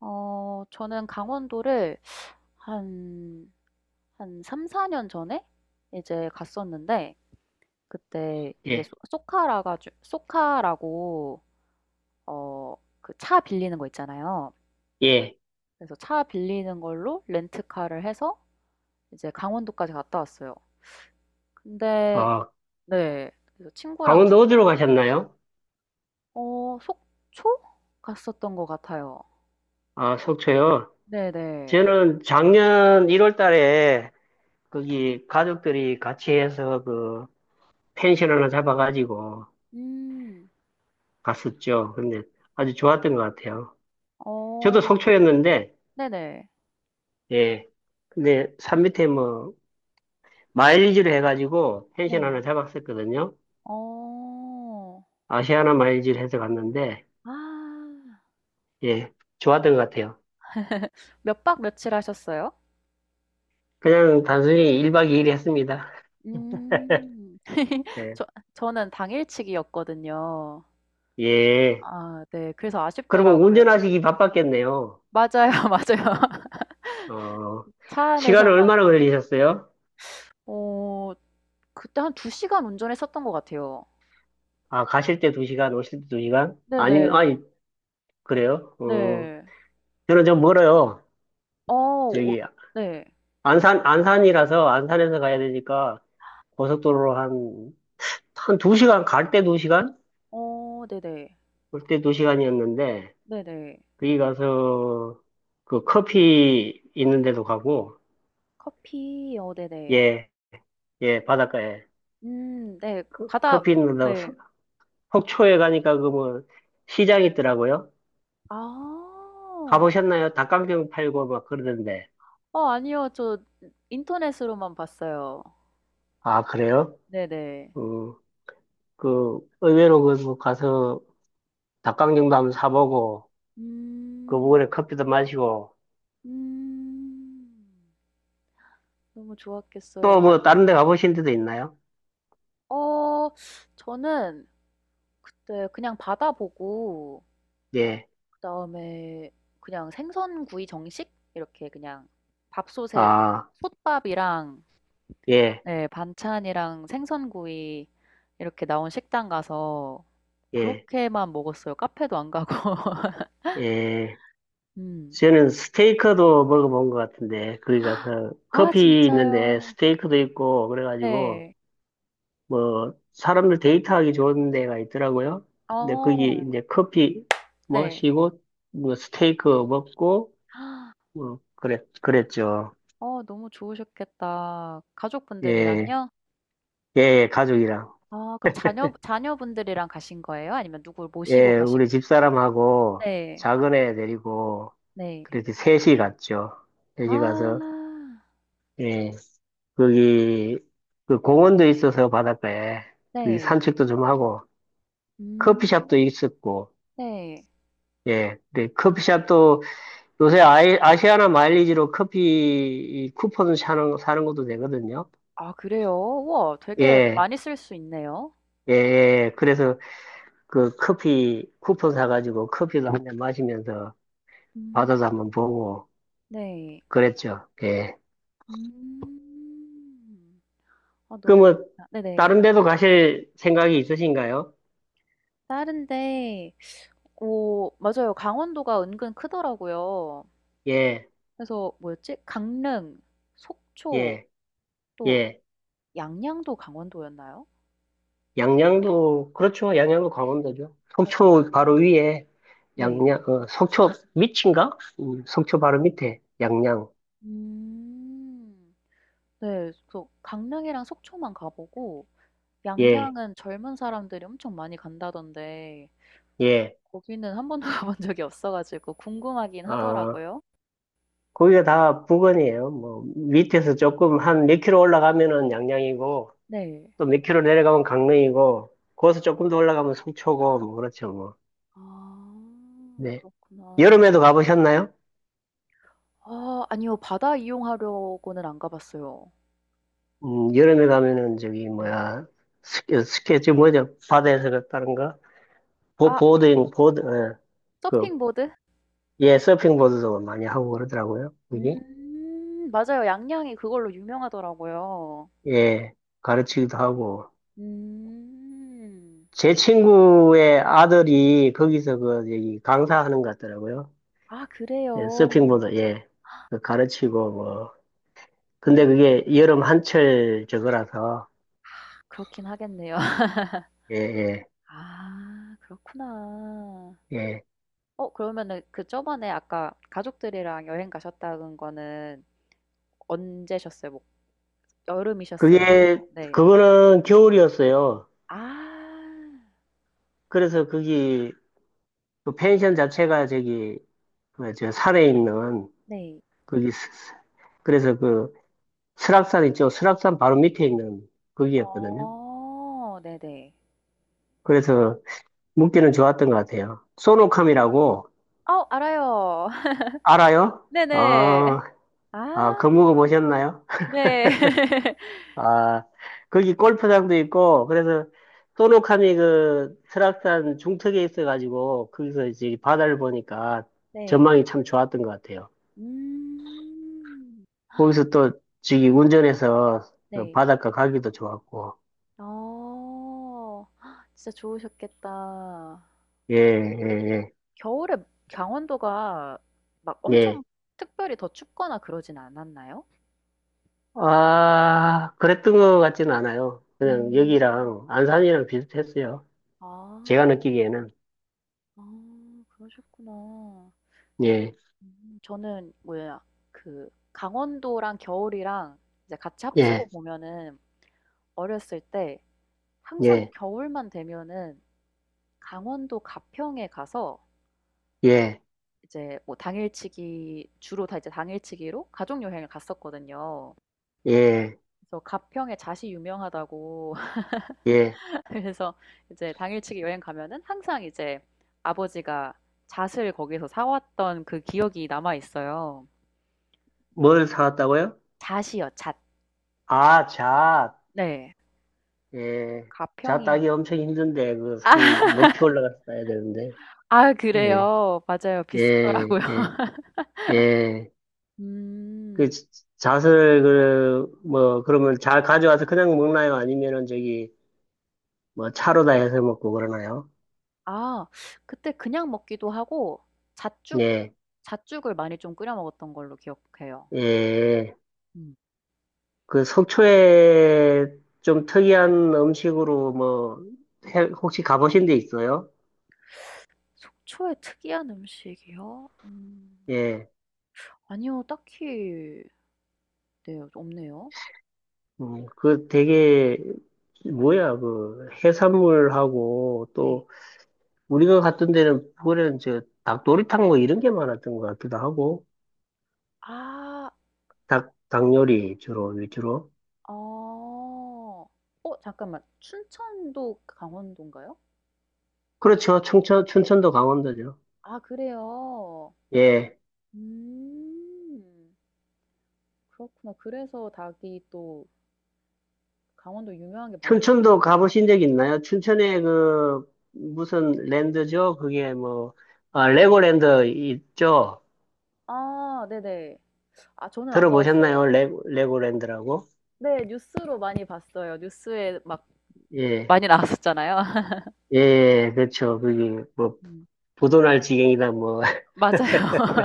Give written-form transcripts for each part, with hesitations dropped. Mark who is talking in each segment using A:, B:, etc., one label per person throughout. A: 저는 강원도를 한 한 3-4년 전에 이제 갔었는데, 그때 이제 소
B: 예,
A: 소카라가 주 소카라고 어, 그 차 빌리는 거 있잖아요.
B: 예.
A: 그래서 차 빌리는 걸로 렌트카를 해서 이제 강원도까지 갔다 왔어요. 근데
B: 어,
A: 네. 그래서 친구랑 두
B: 강원도 어디로 가셨나요?
A: 어, 속초? 갔었던 것 같아요.
B: 아, 속초요.
A: 네네.
B: 저는 작년 1월 달에 거기 가족들이 같이 해서 그 펜션 하나 잡아가지고
A: 음.
B: 갔었죠. 근데 아주 좋았던 것 같아요.
A: 어.
B: 저도 속초였는데,
A: 네네.
B: 예. 근데 산 밑에 뭐 마일리지를 해가지고 펜션
A: 네.
B: 하나 잡았었거든요.
A: 어.
B: 아시아나 마일리지를 해서 갔는데,
A: 아.
B: 예. 좋았던 것 같아요.
A: 몇박 며칠 하셨어요?
B: 그냥 단순히 1박 2일 했습니다.
A: 음.
B: 예.
A: 저, 저는 당일치기였거든요.
B: 예.
A: 아, 네. 그래서
B: 그리고
A: 아쉽더라고요.
B: 운전하시기 바빴겠네요.
A: 맞아요, 맞아요.
B: 어,
A: 차
B: 시간을
A: 안에서만.
B: 얼마나 걸리셨어요?
A: 어, 그때 한 두 시간 운전했었던 것 같아요.
B: 아, 가실 때 두시간 오실 때 두시간 아니면,
A: 네네.
B: 아니, 그래요? 어,
A: 네.
B: 저는 좀 멀어요.
A: 어 어.
B: 저기,
A: 네.
B: 안산, 안산이라서, 안산에서 가야 되니까, 고속도로로 한, 한 두시간 갈 때 두시간
A: 어, 네네.
B: 올 때 두시간이었는데
A: 네네.
B: 거기 가서, 그 커피 있는 데도 가고,
A: 커피 어, 네네.
B: 예, 예, 바닷가에.
A: 음, 네.
B: 그,
A: 바다
B: 커피 있는 데도,
A: 네.
B: 속초에 가니까 그 뭐, 시장 있더라고요.
A: 아.
B: 가보셨나요? 닭강정 팔고 막 그러던데.
A: 어, 아니요. 저 인터넷으로만 봤어요.
B: 아, 그래요?
A: 네네.
B: 음, 그, 의외로 그, 뭐 가서 닭강정도 한번 사보고, 그
A: 음.
B: 부근에 커피도 마시고,
A: 음. 너무 좋았겠어요.
B: 또
A: 가
B: 뭐 다른 데
A: 음.
B: 가보신 데도 있나요?
A: 어, 저는 그때 그냥 받아 보고,
B: 예.
A: 그다음에 그냥 생선구이 정식 이렇게 그냥 밥솥에
B: 아,
A: 솥밥이랑
B: 예,
A: 네, 반찬이랑 생선구이 이렇게 나온 식당 가서
B: 예,
A: 그렇게만 먹었어요. 카페도 안 가고.
B: 예.
A: 음.
B: 저는 스테이크도 먹어본 것 같은데, 거기 가서
A: 아,
B: 커피 있는데
A: 진짜요.
B: 스테이크도 있고, 그래가지고,
A: 네.
B: 뭐 사람들 데이트하기 좋은 데가 있더라고요. 근데 거기
A: 어.
B: 이제 커피
A: 네.
B: 마시고 뭐 스테이크 먹고 뭐 그랬죠.
A: 어, 너무 좋으셨겠다.
B: 예,
A: 가족분들이랑요?
B: 예, 예, 가족이랑
A: 아, 그럼 자녀분들이랑 가신 거예요? 아니면 누굴 모시고
B: 예, 우리
A: 가신?
B: 집사람하고
A: 네.
B: 작은 애 데리고
A: 네.
B: 그렇게 셋이 갔죠.
A: 아.
B: 셋이 가서 예, 거기 그 공원도 있어서 바닷가에 거기
A: 네.
B: 산책도 좀 하고 커피숍도
A: 음.
B: 있었고
A: 네.
B: 예, 근데 커피숍도 요새 아시아나 마일리지로 커피 쿠폰 사는 것도 되거든요.
A: 아, 그래요? 우와, 되게
B: 예,
A: 많이 쓸 수 있네요.
B: 예, 예. 그래서 그 커피 쿠폰 사가지고 커피도 한잔 마시면서
A: 음.
B: 바다도 한번 보고
A: 네.
B: 그랬죠. 예.
A: 음. 아, 너무
B: 그러면
A: 좋다. 네네.
B: 다른 데도 가실 생각이 있으신가요?
A: 다른데 어, 맞아요. 강원도가 은근 크더라고요.
B: 예,
A: 그래서 뭐였지? 강릉, 속초,
B: 예,
A: 또
B: 예.
A: 양양도 강원도였나요?
B: 양양도, 그렇죠. 양양도 강원도죠. 속초 바로
A: 어.
B: 위에
A: 네.
B: 양양, 어, 속초 밑인가? 속초 바로 밑에 양양.
A: 음. 네. 그래서 강릉이랑 속초만 가보고,
B: 예,
A: 양양은 젊은 사람들이 엄청 많이 간다던데
B: 예.
A: 거기는 한 번도 가본 적이 없어가지고 궁금하긴
B: 어,
A: 하더라고요.
B: 거기가 다 부근이에요. 뭐 밑에서 조금 한 몇 킬로 올라가면은 양양이고
A: 네.
B: 또 몇 킬로 내려가면 강릉이고
A: 어.
B: 거기서 조금 더 올라가면 속초고 뭐 그렇죠 뭐.
A: 아,
B: 네.
A: 그렇구나.
B: 여름에도 가보셨나요?
A: 아, 아니요. 바다 이용하려고는 안 가봤어요.
B: 여름에 가면은 저기
A: 네.
B: 뭐야 스케치 뭐죠? 바다에서 갔다는가? 보
A: 아, 네.
B: 보드ing 보드 예. 그
A: 서핑보드?
B: 예, 서핑보드도 많이 하고 그러더라고요. 거기.
A: 음, 맞아요. 양양이 그걸로 유명하더라고요.
B: 예. 가르치기도 하고
A: 음.
B: 제 친구의 아들이 거기서 그 저기 강사하는 것 같더라고요.
A: 아,
B: 예,
A: 그래요.
B: 서핑보드, 예. 그 가르치고, 뭐.
A: 오,
B: 근데 그게 여름 한철 저거라서,
A: 그렇긴 하겠네요.
B: 예, 예,
A: 아, 그렇구나.
B: 예.
A: 어, 그러면은 그 저번에 아까 가족들이랑 여행 가셨다는 거는 언제셨어요? 뭐 여름이셨어요?
B: 그게,
A: 뭐 네.
B: 그거는 겨울이었어요.
A: 아,
B: 그래서 거기, 그 펜션 자체가 저기, 그, 저 산에 있는,
A: 네.
B: 거기, 그래서 그, 설악산 있죠. 설악산 바로 밑에 있는 거기였거든요.
A: 어, 네네.
B: 그래서 묵기는 좋았던 것 같아요. 소노캄이라고,
A: 어, 알아요.
B: 알아요?
A: 네네.
B: 아, 아,
A: 아,
B: 그 묵어 보셨나요?
A: 네.
B: 아, 거기 골프장도 있고, 그래서 소노카미 그 설악산 중턱에 있어가지고, 거기서 이제 바다를 보니까
A: 네.
B: 전망이 참 좋았던 것 같아요.
A: 음.
B: 거기서 또 저기 운전해서 그
A: 네.
B: 바닷가 가기도 좋았고,
A: 어. 헉, 진짜 좋으셨겠다.
B: 예, 예,
A: 겨울에 강원도가 막
B: 예,
A: 엄청
B: 예.
A: 특별히 더 춥거나 그러진 않았나요?
B: 아, 그랬던 것 같지는 않아요. 그냥
A: 음.
B: 여기랑 안산이랑 비슷했어요.
A: 아.
B: 제가 느끼기에는.
A: 아, 그러셨구나.
B: 예,
A: 음, 저는 뭐야, 그 강원도랑 겨울이랑 이제 같이 네, 합치고
B: 예,
A: 보면은 어렸을 때 항상
B: 예,
A: 겨울만 되면은 강원도 가평에 가서
B: 예,
A: 이제 뭐 당일치기, 주로 다 이제 당일치기로 가족 여행을 갔었거든요.
B: 예,
A: 그래서 가평에 잣이 유명하다고
B: 예.
A: 그래서 이제 당일치기 여행 가면은 항상 이제 아버지가 잣을 거기서 사왔던 그 기억이 남아 있어요.
B: 뭘 사왔다고요?
A: 잣이요, 잣.
B: 아, 잣.
A: 네.
B: 예, 자
A: 가평이
B: 따기 엄청 힘든데 그산 높이 올라가서 따야 되는데
A: 아,
B: 예,
A: 그래요. 맞아요. 비싸더라고요.
B: 예, 예, 예. 그
A: 음.
B: 잣을 그 뭐 그러면 잘 가져와서 그냥 먹나요? 아니면은 저기 뭐 차로 다 해서 먹고 그러나요?
A: 아, 그때 그냥 먹기도 하고, 잣죽
B: 예,
A: 잣죽을 많이 좀 끓여 먹었던 걸로 기억해요.
B: 예.
A: 음.
B: 그 속초에 좀 특이한 음식으로 뭐 혹시 가보신 데 있어요?
A: 속초의 특이한 음식이요? 음.
B: 예,
A: 아니요. 딱히 네, 없네요.
B: 그 되게 뭐야 그 해산물하고
A: 네.
B: 또 우리가 갔던 데는 그거는 저 닭도리탕 뭐 이런 게 많았던 것 같기도 하고
A: 아.
B: 닭 닭요리 주로 위주로
A: 어. 어, 잠깐만. 춘천도 강원도인가요?
B: 그렇죠. 충천 춘천도 강원도죠.
A: 아, 그래요?
B: 예.
A: 음. 그렇구나. 그래서 닭이 또 강원도 유명한 게 많네요.
B: 춘천도 가보신 적 있나요? 춘천에 그 무슨 랜드죠 그게 뭐 아, 레고랜드 있죠.
A: 아, 네네. 아, 저는 안 가
B: 들어보셨나요?
A: 봤어요.
B: 레고랜드라고
A: 네. 뉴스로 많이 봤어요. 뉴스에 막
B: 예.
A: 많이 나왔었잖아요.
B: 예. 그렇죠 그게 뭐
A: 음.
B: 부도날 지경이다 뭐
A: 맞아요.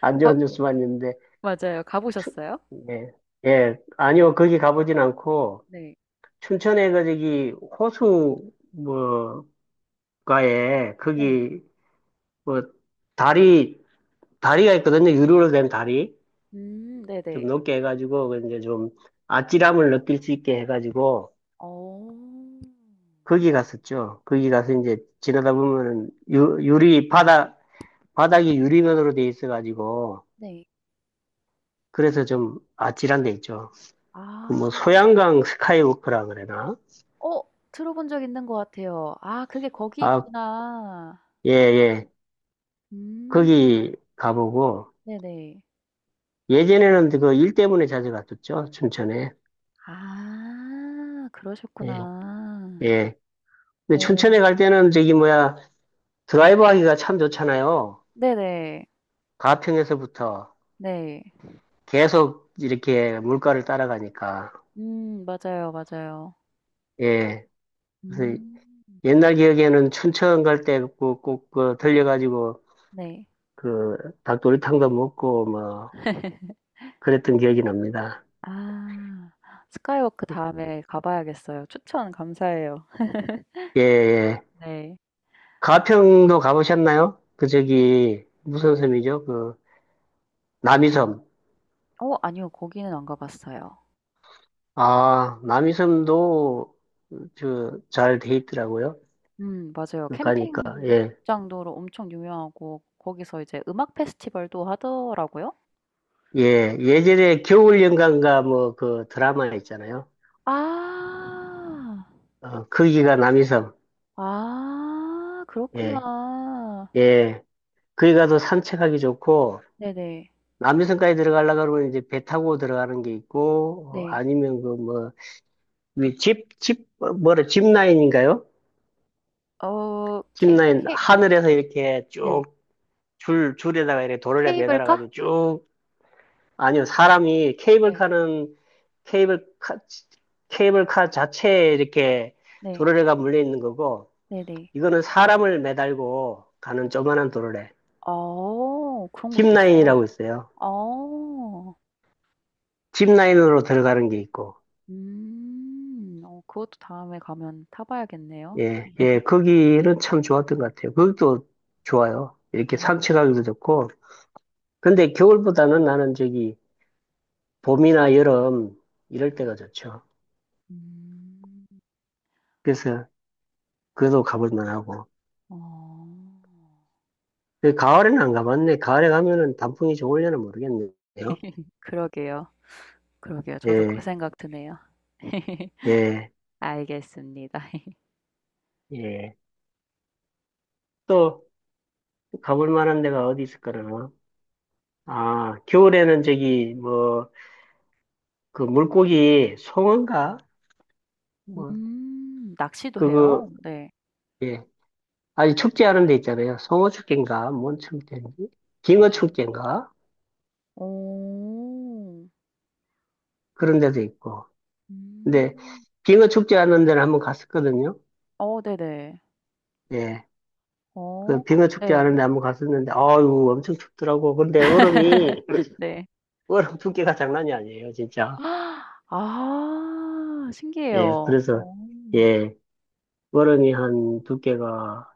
B: 안
A: 가
B: 좋은 뉴스만 있는데
A: 맞아요. 가
B: 추-
A: 보셨어요?
B: 예. 예, 아니요, 거기 가보진 않고,
A: 네.
B: 춘천에 그 저기 호수 뭐가에
A: 네.
B: 거기 뭐 다리 다리가 있거든요. 유리로 된 다리
A: 음,
B: 좀
A: 네네.
B: 높게 해가지고 그 이제 좀 아찔함을 느낄 수 있게 해가지고
A: 어.
B: 거기 갔었죠. 거기 가서 이제 지나다 보면은 유리 바닥 바닥이 유리면으로 돼 있어가지고
A: 네.
B: 그래서 좀 아찔한 데 있죠. 그
A: 아.
B: 뭐 소양강 스카이워크라 그래나?
A: 어, 들어본 적 있는 것 같아요. 아, 그게 거기
B: 아,
A: 있구나.
B: 예, 예.
A: 음,
B: 거기 가보고
A: 네네.
B: 예전에는 그 일 때문에 자주 갔었죠, 춘천에.
A: 아,
B: 예.
A: 그러셨구나.
B: 예. 근데
A: 어,
B: 춘천에 갈 때는 저기 뭐야, 드라이브 하기가 참 좋잖아요.
A: 네네.
B: 가평에서부터
A: 네.
B: 계속 이렇게 물가를 따라가니까.
A: 음, 맞아요, 맞아요.
B: 예. 그래서
A: 음,
B: 옛날 기억에는 춘천 갈 때 꼭, 꼭, 그 들려가지고
A: 네.
B: 그 닭도리탕도 먹고 뭐 그랬던 기억이 납니다.
A: 아, 스카이워크 다음에 가 봐야겠어요. 추천 감사해요.
B: 예, 예.
A: 네.
B: 가평도 가보셨나요? 그 저기 무슨 섬이죠? 그 남이섬.
A: 어, 아니요. 거기는 안 가 봤어요.
B: 아, 남이섬도 저잘 돼 있더라고요.
A: 음, 맞아요.
B: 가니까 예,
A: 캠핑장도로 엄청 유명하고 거기서 이제 음악 페스티벌도 하더라고요.
B: 예,
A: 음.
B: 예전에 겨울연가인가 뭐 그 드라마 있잖아요.
A: 아.
B: 어, 거기가 남이섬.
A: 아,
B: 예,
A: 그렇구나.
B: 예, 거기 가도 산책하기 좋고
A: 네네.
B: 남이섬까지 들어가려고 그러면 이제 배 타고 들어가는 게 있고 어,
A: 네.
B: 아니면 그뭐집집 뭐라 짚라인인가요?
A: 어 케
B: 짚라인
A: 케
B: 하늘에서 이렇게
A: 네.
B: 쭉 줄 줄에다가 이렇게 도로래 매달아
A: 케이블카?
B: 가지고 아니요, 사람이
A: 네.
B: 케이블카는 케이블카, 케이블카 자체에 이렇게
A: 네.
B: 도르래가 물려 있는 거고,
A: 네네.
B: 이거는 사람을 매달고 가는 조그만한 도르래.
A: 어, 그런 것도 있어요?
B: 짚라인이라고 있어요.
A: 어.
B: 짚라인으로 들어가는 게 있고,
A: 음. 어, 그것도 다음에 가면 타 봐야겠네요.
B: 예, 예, 거기는 참 좋았던 것 같아요. 거기도 좋아요. 이렇게
A: 아,
B: 산책하기도 좋고, 근데 겨울보다는 나는 저기 봄이나 여름 이럴
A: 네.
B: 때가 좋죠.
A: 음.
B: 그래서 그도 가볼 만하고.
A: 어.
B: 그 가을에는 안 가봤네. 가을에 가면은 단풍이 좋을려나 모르겠네요.
A: 그러게요. 그러게요. 저도 그
B: 예,
A: 생각 드네요.
B: 예,
A: 알겠습니다.
B: 예. 또 가볼 만한 데가 어디 있을까나? 아, 겨울에는 저기 뭐 그 물고기 송어인가? 뭐
A: 낚시도 해요?
B: 그거
A: 네.
B: 예. 아주 춥지 않은 데 있잖아요. 송어 축제인가? 뭔 축제인지?
A: 어.
B: 빙어 축제인가?
A: 오,
B: 그런 데도 있고. 근데
A: 음.
B: 빙어 축제 하는 데는 한번 갔었거든요.
A: 어, 네네.
B: 예. 그
A: 어, 가
B: 빙어 축제
A: 네.
B: 하는 데 한번 갔었는데 아유 엄청 춥더라고. 근데 얼음이
A: 네.
B: 워름 두께가 장난이 아니에요, 진짜.
A: 아,
B: 예,
A: 신기해요.
B: 그래서,
A: 어.
B: 예, 워름이 한 두께가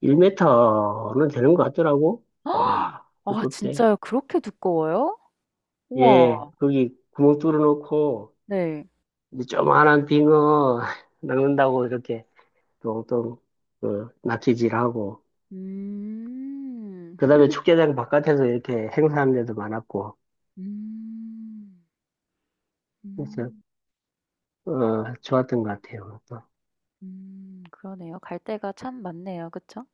B: 1m는 되는 것 같더라고. 와,
A: 아,
B: 두껍대.
A: 진짜요? 그렇게 두꺼워요? 우와.
B: 예, 거기 구멍 뚫어놓고,
A: 네.
B: 이제 조그만한 빙어 낚는다고 이렇게 똥똥, 그, 낚시질하고,
A: 음.
B: 그 다음에 축제장 바깥에서 이렇게 행사하는 데도 많았고,
A: 음.
B: 그래서,
A: 음.
B: 어, 좋았던 것 같아요, 또.
A: 음, 그러네요. 갈 데가 참 많네요. 그쵸?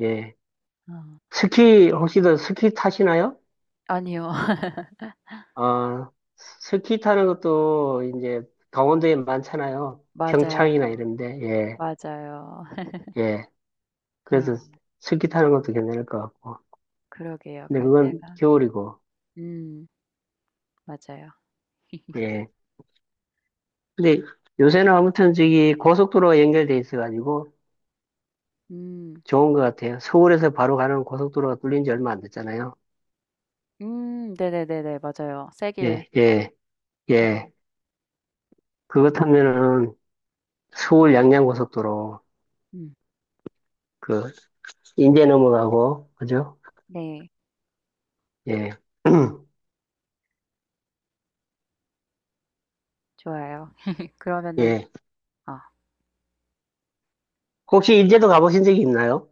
B: 예.
A: 어.
B: 스키, 혹시 더 스키 타시나요?
A: 아니요.
B: 아, 스키 타는 것도 이제 강원도에 많잖아요. 평창이나
A: 맞아요.
B: 이런데, 예,
A: 맞아요.
B: 예.
A: 아,
B: 그래서 스키 타는 것도 괜찮을 것 같고.
A: 그러게요.
B: 근데
A: 갈
B: 그건
A: 데가
B: 겨울이고,
A: 음, 맞아요.
B: 예. 근데 요새는 아무튼 저기 고속도로가 연결돼 있어가지고
A: 음.
B: 좋은 것 같아요. 서울에서 바로 가는 고속도로가 뚫린 지 얼마 안 됐잖아요.
A: 음, 네네네네. 맞아요. 세길
B: 예, 예, 예.
A: 음.
B: 그거 타면은 서울 양양 고속도로,
A: 음.
B: 그, 인제 넘어가고, 그죠?
A: 네.
B: 예,
A: 좋아요. 그러면은
B: 예.
A: 아,
B: 혹시 인제도 가보신 적이 있나요?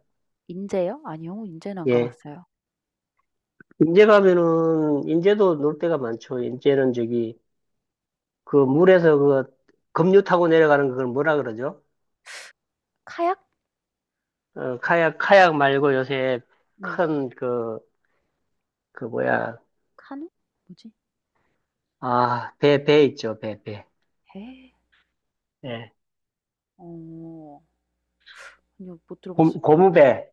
A: 인제요? 아니요. 인제는 안 가
B: 예.
A: 봤어요.
B: 인제 가면은, 인제도 놀 데가 많죠. 인제는 저기, 그 물에서 그 급류 타고 내려가는 그걸 뭐라 그러죠?
A: 카약?
B: 어, 카약, 카약 말고 요새
A: 네.
B: 큰 그, 그 뭐야,
A: 카누? 뭐지?
B: 아, 배, 배 있죠. 배, 배.
A: 에.
B: 예.
A: 어. 아니요. 못 들어
B: 고,
A: 봤어요.
B: 고무배.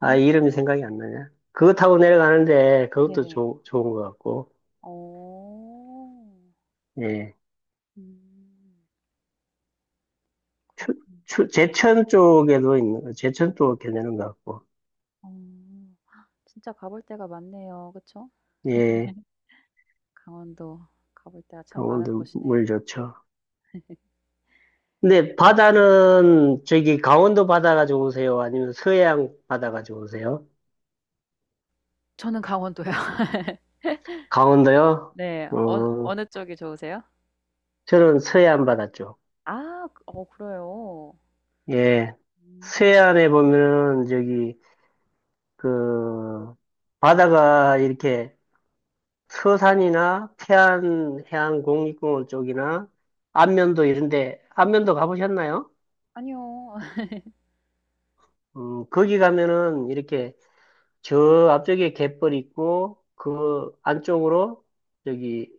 B: 아, 이름이 생각이 안 나냐? 그거 타고 내려가는데 그것도
A: 네네.
B: 좋 좋은 것 같고,
A: 어.
B: 예.
A: 음.
B: 추,
A: 그렇군요.
B: 제천 쪽에도 있는, 제천 쪽 괜찮은 것 같고,
A: 어. 진짜 가볼 데가 많네요. 그쵸?
B: 예.
A: 강원도 가볼 데가 참 많은
B: 강원도
A: 곳이네요.
B: 물 좋죠. 근데 바다는 저기 강원도 바다가 좋으세요? 아니면 서해안 바다가 좋으세요?
A: 저는 강원도요.
B: 강원도요?
A: 네. 어느
B: 어,
A: 어느 쪽이 좋으세요?
B: 저는 서해안 바다 쪽.
A: 아, 그 어, 그래요?
B: 예.
A: 음.
B: 서해안에 보면은 저기 그 바다가 이렇게 서산이나 태안 해안국립공원 쪽이나 안면도 이런데 안면도 가보셨나요?
A: 아니요.
B: 거기 가면은 이렇게 저 앞쪽에 갯벌 있고 그 안쪽으로 저기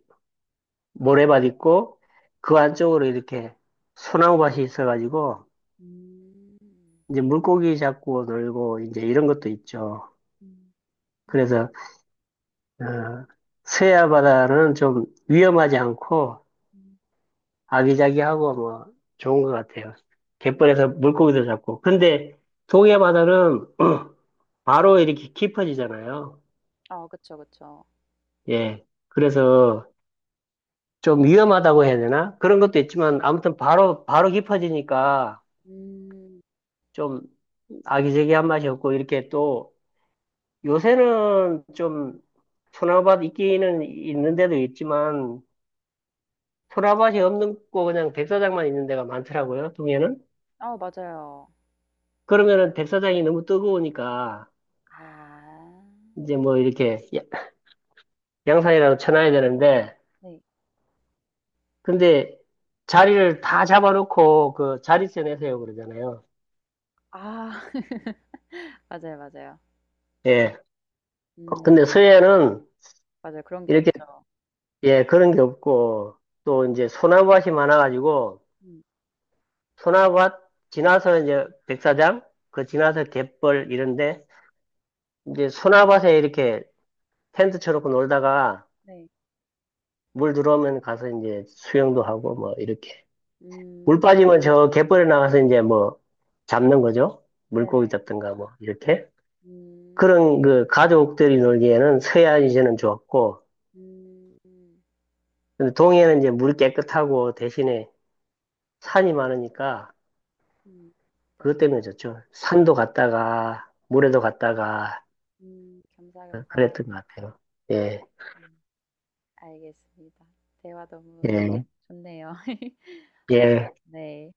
B: 모래밭 있고 그 안쪽으로 이렇게 소나무밭이 있어가지고
A: 음.
B: 이제 물고기 잡고 놀고 이제 이런 것도 있죠.
A: 음.
B: 그래서 어, 서해안 바다는 좀 위험하지 않고
A: 음.
B: 아기자기하고 뭐 좋은 것 같아요.
A: 음.
B: 갯벌에서 물고기도 잡고. 근데 동해 바다는 바로 이렇게 깊어지잖아요.
A: 아, 그쵸, 그쵸.
B: 예. 그래서 좀 위험하다고 해야 되나? 그런 것도 있지만 아무튼 바로 바로 깊어지니까
A: 음.
B: 좀 아기자기한 맛이 없고 이렇게 또 요새는 좀 소나밭 있기는 있는 데도 있지만 소나밭이 없는 거 그냥 백사장만 있는 데가 많더라고요 동해는.
A: 아, 맞아요.
B: 그러면은 백사장이 너무 뜨거우니까
A: 아.
B: 이제 뭐 이렇게 양산이라도 쳐놔야 되는데
A: 네.
B: 근데 자리를 다 잡아놓고 그 자릿세 내세요 그러잖아요.
A: 아. 맞아요, 맞아요.
B: 예.
A: 음.
B: 근데 서해는
A: 맞아요. 그런 게
B: 이렇게
A: 없죠.
B: 예 그런 게 없고 또 이제 소나밭이 많아가지고
A: 음.
B: 소나밭 지나서 이제 백사장 그 지나서 갯벌 이런데 이제 소나밭에 이렇게 텐트 쳐놓고 놀다가
A: 네.
B: 물 들어오면 가서 이제 수영도 하고 뭐 이렇게 물
A: 음.
B: 빠지면 저 갯벌에 나가서 이제 뭐 잡는 거죠. 물고기
A: 네네.
B: 잡든가 뭐 이렇게
A: 음.
B: 그런 그 가족들이 놀기에는 서해안 이제는 좋았고
A: 음. 음.
B: 근데 동해는 이제 물이 깨끗하고 대신에 산이 많으니까
A: 음. 네.
B: 그것 때문에 좋죠. 산도 갔다가 물에도 갔다가
A: 음. 겸사겸사.
B: 그랬던 것 같아요. 예,
A: 음. 알겠습니다. 대화 너무
B: 예,
A: 좋네요.
B: 예.
A: 네.